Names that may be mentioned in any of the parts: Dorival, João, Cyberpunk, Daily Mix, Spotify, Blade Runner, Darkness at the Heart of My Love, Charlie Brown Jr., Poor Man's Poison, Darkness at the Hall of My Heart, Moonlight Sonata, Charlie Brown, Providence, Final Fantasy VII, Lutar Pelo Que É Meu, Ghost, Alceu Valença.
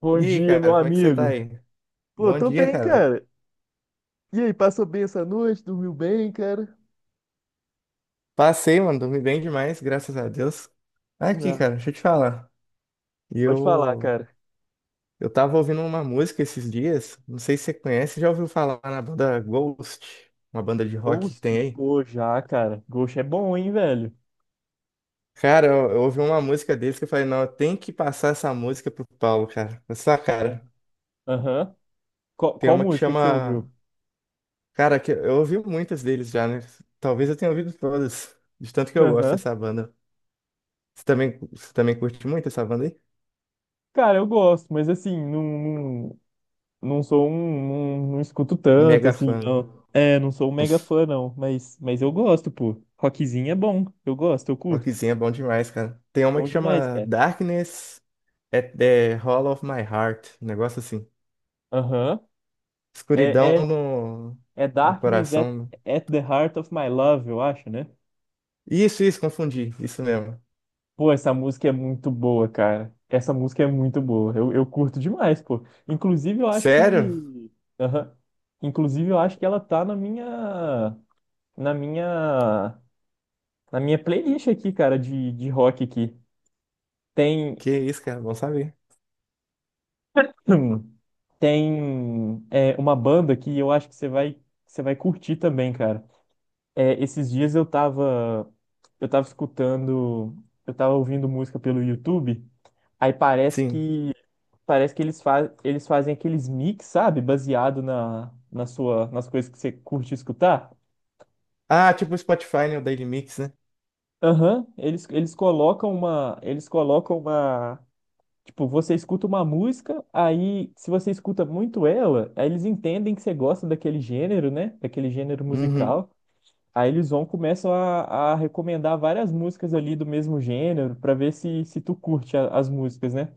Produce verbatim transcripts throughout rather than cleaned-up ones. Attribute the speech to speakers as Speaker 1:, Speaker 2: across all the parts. Speaker 1: Bom
Speaker 2: E aí,
Speaker 1: dia, meu
Speaker 2: cara, como é que você tá
Speaker 1: amigo.
Speaker 2: aí?
Speaker 1: Pô,
Speaker 2: Bom
Speaker 1: tô
Speaker 2: dia,
Speaker 1: bem,
Speaker 2: cara.
Speaker 1: cara. E aí, passou bem essa noite? Dormiu bem, cara?
Speaker 2: Passei, mano, dormi bem demais, graças a Deus. Tá aqui,
Speaker 1: Ah,
Speaker 2: cara, deixa eu te falar.
Speaker 1: pode falar,
Speaker 2: Eu
Speaker 1: cara.
Speaker 2: eu tava ouvindo uma música esses dias, não sei se você conhece, já ouviu falar na banda Ghost, uma banda de rock que
Speaker 1: Ghost?
Speaker 2: tem aí?
Speaker 1: Pô, já, cara. Ghost é bom, hein, velho?
Speaker 2: Cara, eu, eu ouvi uma música deles que eu falei, não, eu tenho que passar essa música pro Paulo, cara. Essa
Speaker 1: Ah.
Speaker 2: cara.
Speaker 1: Aham. Qual,
Speaker 2: Tem
Speaker 1: qual
Speaker 2: uma que
Speaker 1: música que você
Speaker 2: chama,
Speaker 1: ouviu?
Speaker 2: cara, que eu ouvi muitas deles já, né? Talvez eu tenha ouvido todas, de tanto que eu gosto
Speaker 1: Aham.
Speaker 2: dessa banda. Você também, você também curte muito essa banda aí?
Speaker 1: Cara, eu gosto, mas assim, não, não, não sou um. Não, não escuto tanto,
Speaker 2: Mega
Speaker 1: assim,
Speaker 2: fã.
Speaker 1: não. É, não sou um mega fã, não. Mas, mas eu gosto, pô. Rockzinho é bom. Eu gosto, eu curto.
Speaker 2: Rockzinho é bom demais, cara. Tem uma
Speaker 1: Bom
Speaker 2: que
Speaker 1: demais,
Speaker 2: chama
Speaker 1: cara.
Speaker 2: Darkness at the Hall of My Heart. Um negócio assim.
Speaker 1: Aham.
Speaker 2: Escuridão
Speaker 1: É, é
Speaker 2: no,
Speaker 1: É
Speaker 2: no
Speaker 1: Darkness at,
Speaker 2: coração.
Speaker 1: at the Heart of My Love, eu acho, né?
Speaker 2: Isso, isso, confundi. Isso mesmo.
Speaker 1: Pô, essa música é muito boa, cara. Essa música é muito boa. Eu, eu curto demais, pô. Inclusive, eu acho
Speaker 2: Sério?
Speaker 1: que. Aham. Inclusive, eu acho que ela tá na minha. Na minha. Na minha playlist aqui, cara, de, de rock aqui. Tem.
Speaker 2: Que isso, cara. Bom saber.
Speaker 1: Tem é, uma banda que eu acho que você vai, você vai curtir também, cara. É, esses dias eu tava, eu tava escutando, eu tava ouvindo música pelo YouTube, aí parece
Speaker 2: Sim.
Speaker 1: que parece que eles, fa eles fazem aqueles mix, sabe? Baseado na, na sua, nas coisas que você curte escutar.
Speaker 2: Ah, tipo o Spotify, né? O Daily Mix, né?
Speaker 1: Aham, eles, eles colocam uma, eles colocam uma, tipo, você escuta uma música, aí se você escuta muito ela, aí eles entendem que você gosta daquele gênero, né? Daquele gênero
Speaker 2: Uhum.
Speaker 1: musical. Aí eles vão começam a, a recomendar várias músicas ali do mesmo gênero pra ver se, se tu curte a- as músicas, né?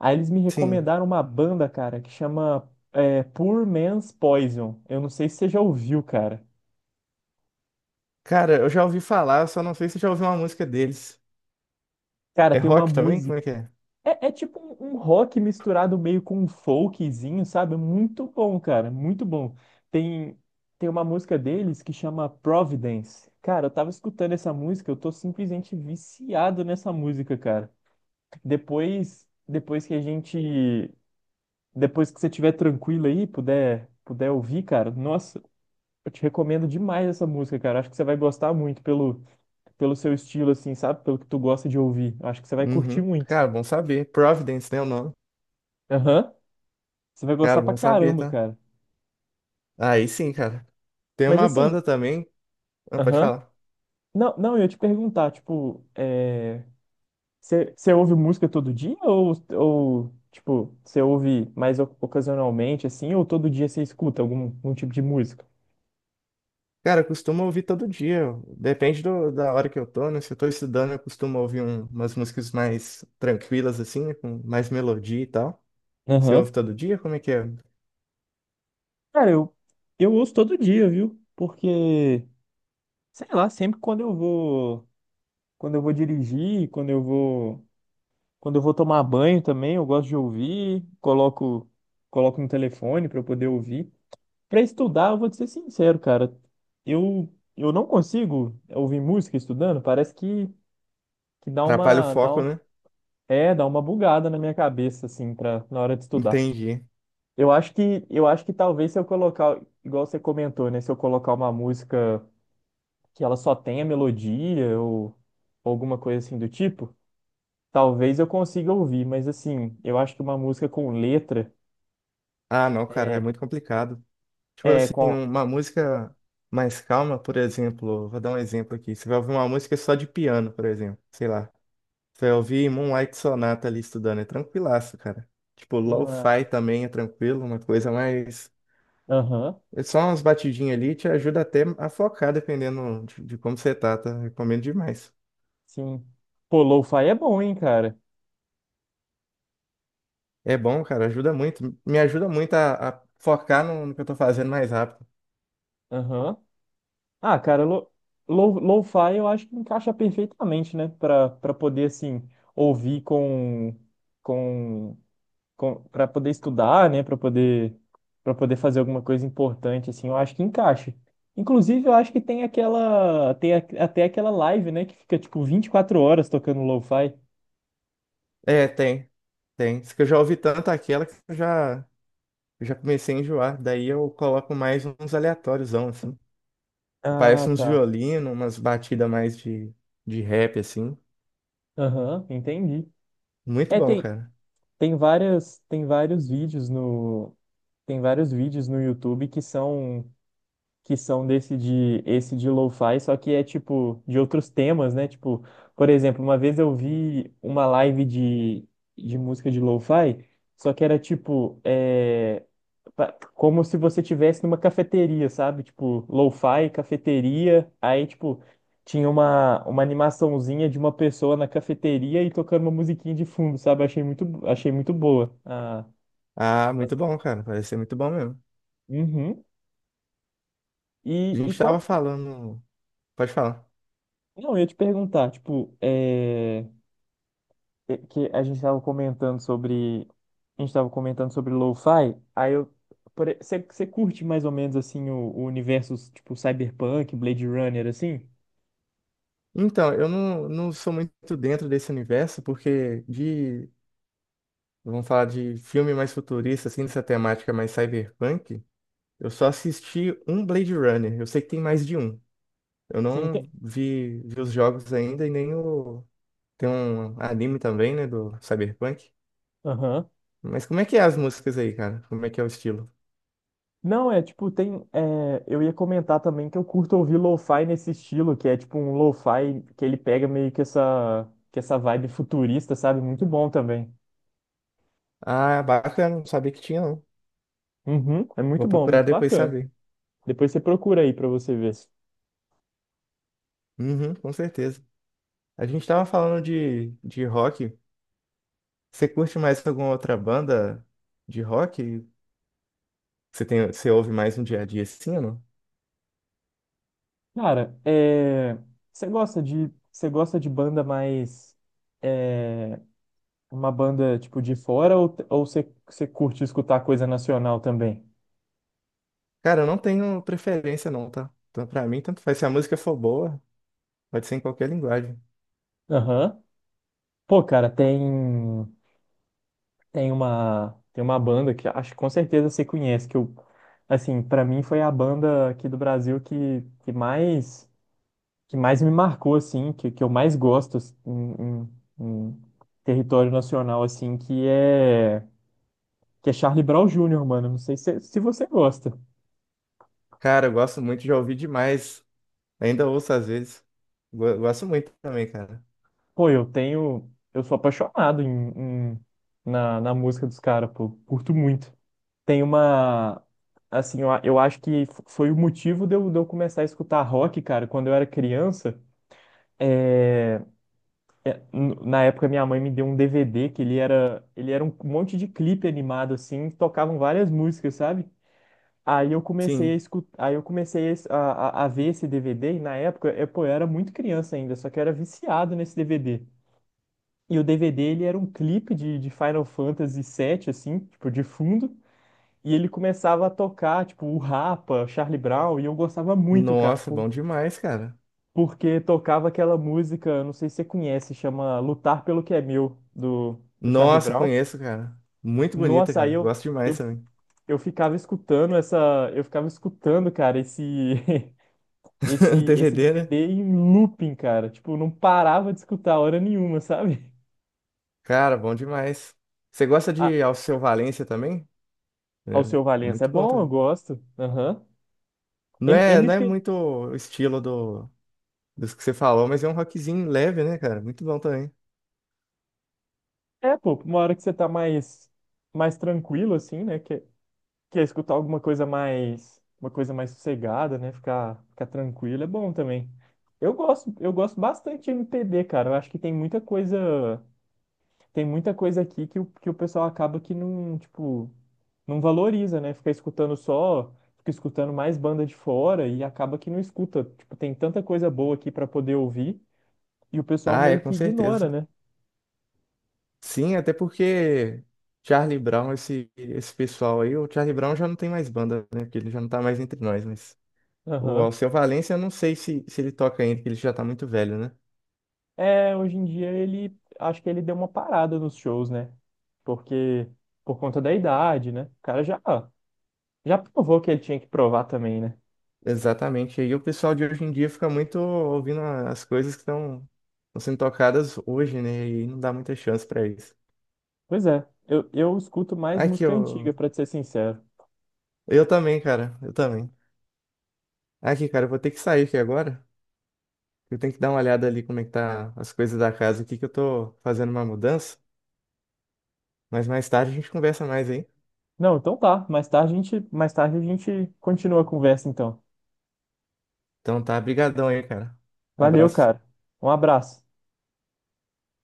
Speaker 1: Aí eles me
Speaker 2: Sim.
Speaker 1: recomendaram uma banda, cara, que chama é, Poor Man's Poison. Eu não sei se você já ouviu, cara.
Speaker 2: Cara, eu já ouvi falar, só não sei se eu já ouvi uma música deles.
Speaker 1: Cara,
Speaker 2: É
Speaker 1: tem uma
Speaker 2: rock também?
Speaker 1: música.
Speaker 2: Como é que é?
Speaker 1: É, é tipo um, um rock misturado meio com um folkzinho, sabe? Muito bom, cara, muito bom. Tem, tem uma música deles que chama Providence. Cara, eu tava escutando essa música, eu tô simplesmente viciado nessa música, cara. Depois, depois que a gente, depois que você estiver tranquilo aí, puder, puder ouvir, cara, nossa, eu te recomendo demais essa música, cara. Acho que você vai gostar muito pelo, pelo seu estilo, assim, sabe? Pelo que tu gosta de ouvir. Acho que você vai curtir
Speaker 2: Uhum.
Speaker 1: muito.
Speaker 2: Cara, bom saber. Providence, né? O nome.
Speaker 1: Aham. Você vai gostar
Speaker 2: Cara,
Speaker 1: pra
Speaker 2: bom saber,
Speaker 1: caramba,
Speaker 2: tá?
Speaker 1: cara.
Speaker 2: Aí sim, cara. Tem
Speaker 1: Mas
Speaker 2: uma
Speaker 1: assim,
Speaker 2: banda também. Ah, pode
Speaker 1: aham.
Speaker 2: falar.
Speaker 1: Não, não, eu ia te perguntar, tipo, é... você você ouve música todo dia ou, ou tipo, você ouve mais oc- ocasionalmente, assim, ou todo dia você escuta algum, algum tipo de música?
Speaker 2: Cara, eu costumo ouvir todo dia. Depende do- da hora que eu tô, né? Se eu tô estudando, eu costumo ouvir um- umas músicas mais tranquilas, assim, né? Com mais melodia e tal. Você
Speaker 1: Aham.
Speaker 2: ouve todo dia? Como é que é?
Speaker 1: Cara, eu, eu ouço todo dia, viu? Porque, sei lá, sempre quando eu vou, quando eu vou dirigir, quando eu vou, quando eu vou tomar banho também, eu gosto de ouvir, coloco, coloco no telefone para eu poder ouvir. Para estudar, eu vou te ser sincero, cara. Eu, eu não consigo ouvir música estudando, parece que, que dá
Speaker 2: Atrapalha o
Speaker 1: uma, dá
Speaker 2: foco,
Speaker 1: um-
Speaker 2: né?
Speaker 1: é, dá uma bugada na minha cabeça assim para na hora de estudar.
Speaker 2: Entendi.
Speaker 1: Eu acho que, eu acho que talvez se eu colocar, igual você comentou, né, se eu colocar uma música que ela só tem a melodia ou, ou alguma coisa assim do tipo, talvez eu consiga ouvir, mas assim, eu acho que uma música com letra
Speaker 2: Ah, não, cara, é
Speaker 1: é,
Speaker 2: muito complicado. Tipo
Speaker 1: é
Speaker 2: assim,
Speaker 1: com.
Speaker 2: uma música mais calma, por exemplo. Vou dar um exemplo aqui. Você vai ouvir uma música só de piano, por exemplo. Sei lá. Você ouvir Moonlight Sonata ali estudando, é tranquilaço, cara. Tipo,
Speaker 1: uma-
Speaker 2: lo-fi também é tranquilo, uma coisa mais.
Speaker 1: Aham,
Speaker 2: É só umas batidinhas ali, te ajuda até a focar, dependendo de, de como você tá, tá? Recomendo demais.
Speaker 1: sim. Pô, lo-fi é bom, hein, cara?
Speaker 2: É bom, cara, ajuda muito. Me ajuda muito a, a focar no, no que eu tô fazendo mais rápido.
Speaker 1: Aham. Ah, cara, lo, lo, lo-fi eu acho que encaixa perfeitamente, né? Pra, pra poder, assim, ouvir com. Com para poder estudar, né, para poder para poder fazer alguma coisa importante assim, eu acho que encaixa. Inclusive, eu acho que tem aquela tem a- até aquela live, né, que fica tipo vinte e quatro horas tocando lo-fi.
Speaker 2: É, tem, tem. Isso que eu já ouvi tanto aquela que eu já, eu já comecei a enjoar. Daí eu coloco mais uns aleatórios, assim.
Speaker 1: Ah,
Speaker 2: Aparece uns
Speaker 1: tá.
Speaker 2: violinos, umas batidas mais de, de rap, assim.
Speaker 1: Aham, entendi.
Speaker 2: Muito
Speaker 1: É,
Speaker 2: bom,
Speaker 1: tem
Speaker 2: cara.
Speaker 1: tem várias tem vários vídeos no tem vários vídeos no YouTube que são que são desse de esse de lo-fi, só que é tipo de outros temas, né? Tipo, por exemplo, uma vez eu vi uma live de, de música de lo-fi, só que era tipo é, pa- como se você tivesse numa cafeteria, sabe? Tipo, lo-fi, cafeteria, aí tipo tinha uma, uma animaçãozinha de uma pessoa na cafeteria e tocando uma musiquinha de fundo, sabe? Achei muito achei muito boa. Ah,
Speaker 2: Ah, muito
Speaker 1: mas-
Speaker 2: bom, cara. Parece ser muito bom mesmo.
Speaker 1: Uhum.
Speaker 2: A
Speaker 1: E,
Speaker 2: gente
Speaker 1: e
Speaker 2: estava
Speaker 1: qual...
Speaker 2: falando. Pode falar.
Speaker 1: Não, eu ia te perguntar, tipo, é... é que a gente estava comentando sobre a gente estava comentando sobre lo-fi, aí eu você curte mais ou menos assim o, o universo tipo Cyberpunk, Blade Runner assim?
Speaker 2: Então, eu não, não sou muito dentro desse universo, porque de. Vamos falar de filme mais futurista, assim, dessa temática mais cyberpunk. Eu só assisti um Blade Runner. Eu sei que tem mais de um. Eu
Speaker 1: Sim, tem.
Speaker 2: não vi, vi os jogos ainda e nem o. Tem um anime também, né, do cyberpunk.
Speaker 1: Aham.
Speaker 2: Mas como é que é as músicas aí, cara? Como é que é o estilo?
Speaker 1: Não, é tipo, tem. é, eu ia comentar também que eu curto ouvir lo-fi nesse estilo, que é tipo um lo-fi que ele pega meio que essa, que essa vibe futurista, sabe? Muito bom também.
Speaker 2: Ah, bacana, não sabia que tinha, não.
Speaker 1: Uhum, é
Speaker 2: Vou
Speaker 1: muito bom,
Speaker 2: procurar
Speaker 1: muito
Speaker 2: depois
Speaker 1: bacana.
Speaker 2: saber.
Speaker 1: Depois você procura aí pra você ver.
Speaker 2: Uhum, com certeza. A gente tava falando de, de rock. Você curte mais alguma outra banda de rock? Você tem, você ouve mais no dia a dia sim? Ou não?
Speaker 1: Cara, é... você gosta de você gosta de banda mais é, uma banda tipo de fora ou, ou você, você curte escutar coisa nacional também?
Speaker 2: Cara, eu não tenho preferência não, tá? Então, pra mim, tanto faz. Se a música for boa, pode ser em qualquer linguagem.
Speaker 1: Aham. Pô, cara, tem tem uma tem uma banda que acho que com certeza você conhece que eu assim, pra mim foi a banda aqui do Brasil que, que mais que mais me marcou assim, que, que eu mais gosto assim, em, em- em território nacional assim, que é que é Charlie Brown júnior, mano. Não sei se, se você gosta.
Speaker 2: Cara, eu gosto muito de ouvir demais. Ainda ouço às vezes. Go- Gosto muito também, cara.
Speaker 1: Pô, eu tenho. Eu sou apaixonado em, em- na, na música dos caras, pô. Curto muito. Tem uma. Assim, eu, a- eu acho que f- foi o motivo de eu, de eu começar a escutar rock, cara, quando eu era criança. É, é, n- na época minha mãe me deu um D V D que ele era, ele era um monte de clipe animado assim, que tocavam várias músicas, sabe? Aí eu comecei a
Speaker 2: Sim.
Speaker 1: escutar, aí eu comecei a, es- a, a- a ver esse D V D, e na época, eu, pô, eu era muito criança ainda, só que eu era viciado nesse D V D. E o D V D, ele era um clipe de, de Final Fantasy sete, assim, tipo, de fundo, e ele começava a tocar, tipo, o Rapa, Charlie Brown, e eu gostava muito, cara,
Speaker 2: Nossa,
Speaker 1: por-
Speaker 2: bom demais, cara.
Speaker 1: porque tocava aquela música, não sei se você conhece, chama Lutar Pelo Que É Meu, do, do Charlie
Speaker 2: Nossa,
Speaker 1: Brown.
Speaker 2: conheço, cara. Muito bonita,
Speaker 1: Nossa, aí
Speaker 2: cara.
Speaker 1: eu,
Speaker 2: Gosto demais
Speaker 1: eu,
Speaker 2: também.
Speaker 1: eu ficava escutando essa, eu ficava escutando, cara, esse... esse, esse
Speaker 2: D V D, né?
Speaker 1: D V D em looping, cara. Tipo, não parava de escutar hora nenhuma, sabe?
Speaker 2: Cara, bom demais. Você gosta
Speaker 1: Ah,
Speaker 2: de Alceu Valença também? É,
Speaker 1: ao seu
Speaker 2: é
Speaker 1: Valença é
Speaker 2: muito bom
Speaker 1: bom, eu
Speaker 2: também.
Speaker 1: gosto. Aham.
Speaker 2: Não
Speaker 1: M-
Speaker 2: é, não é
Speaker 1: MP,
Speaker 2: muito o estilo do, dos que você falou, mas é um rockzinho leve, né, cara? Muito bom também.
Speaker 1: é, pô, uma hora que você tá mais, mais tranquilo, assim, né? Quer, quer escutar alguma coisa mais, uma coisa mais sossegada, né? Ficar, ficar tranquilo é bom também. Eu gosto, eu gosto bastante de M P B, cara. Eu acho que tem muita coisa. tem muita coisa aqui que o, que o pessoal acaba que não, tipo, não valoriza, né? Fica escutando só, fica escutando mais banda de fora e acaba que não escuta. Tipo, tem tanta coisa boa aqui pra poder ouvir e o pessoal
Speaker 2: Ah, é,
Speaker 1: meio
Speaker 2: com
Speaker 1: que
Speaker 2: certeza.
Speaker 1: ignora, né?
Speaker 2: Sim, até porque Charlie Brown, esse, esse pessoal aí, o Charlie Brown já não tem mais banda, né? Porque ele já não tá mais entre nós, mas o
Speaker 1: Aham.
Speaker 2: Alceu Valença, eu não sei se, se ele toca ainda, porque ele já tá muito velho, né?
Speaker 1: É, hoje em dia ele, acho que ele deu uma parada nos shows, né? Porque, por conta da idade, né? O cara já, já provou que ele tinha que provar também, né?
Speaker 2: Exatamente. E o pessoal de hoje em dia fica muito ouvindo as coisas que estão sendo tocadas hoje, né? E não dá muita chance pra isso.
Speaker 1: Pois é, eu, eu escuto mais
Speaker 2: Aqui,
Speaker 1: música
Speaker 2: eu...
Speaker 1: antiga, pra te ser sincero.
Speaker 2: eu também, cara. Eu também. Aqui, cara, eu vou ter que sair aqui agora. Eu tenho que dar uma olhada ali como é que tá as coisas da casa aqui, que eu tô fazendo uma mudança. Mas mais tarde a gente conversa mais, hein?
Speaker 1: Não, então tá. Mais tarde a gente, mais tarde a gente continua a conversa, então.
Speaker 2: Então tá, brigadão aí, cara.
Speaker 1: Valeu,
Speaker 2: Abraço.
Speaker 1: cara. Um abraço.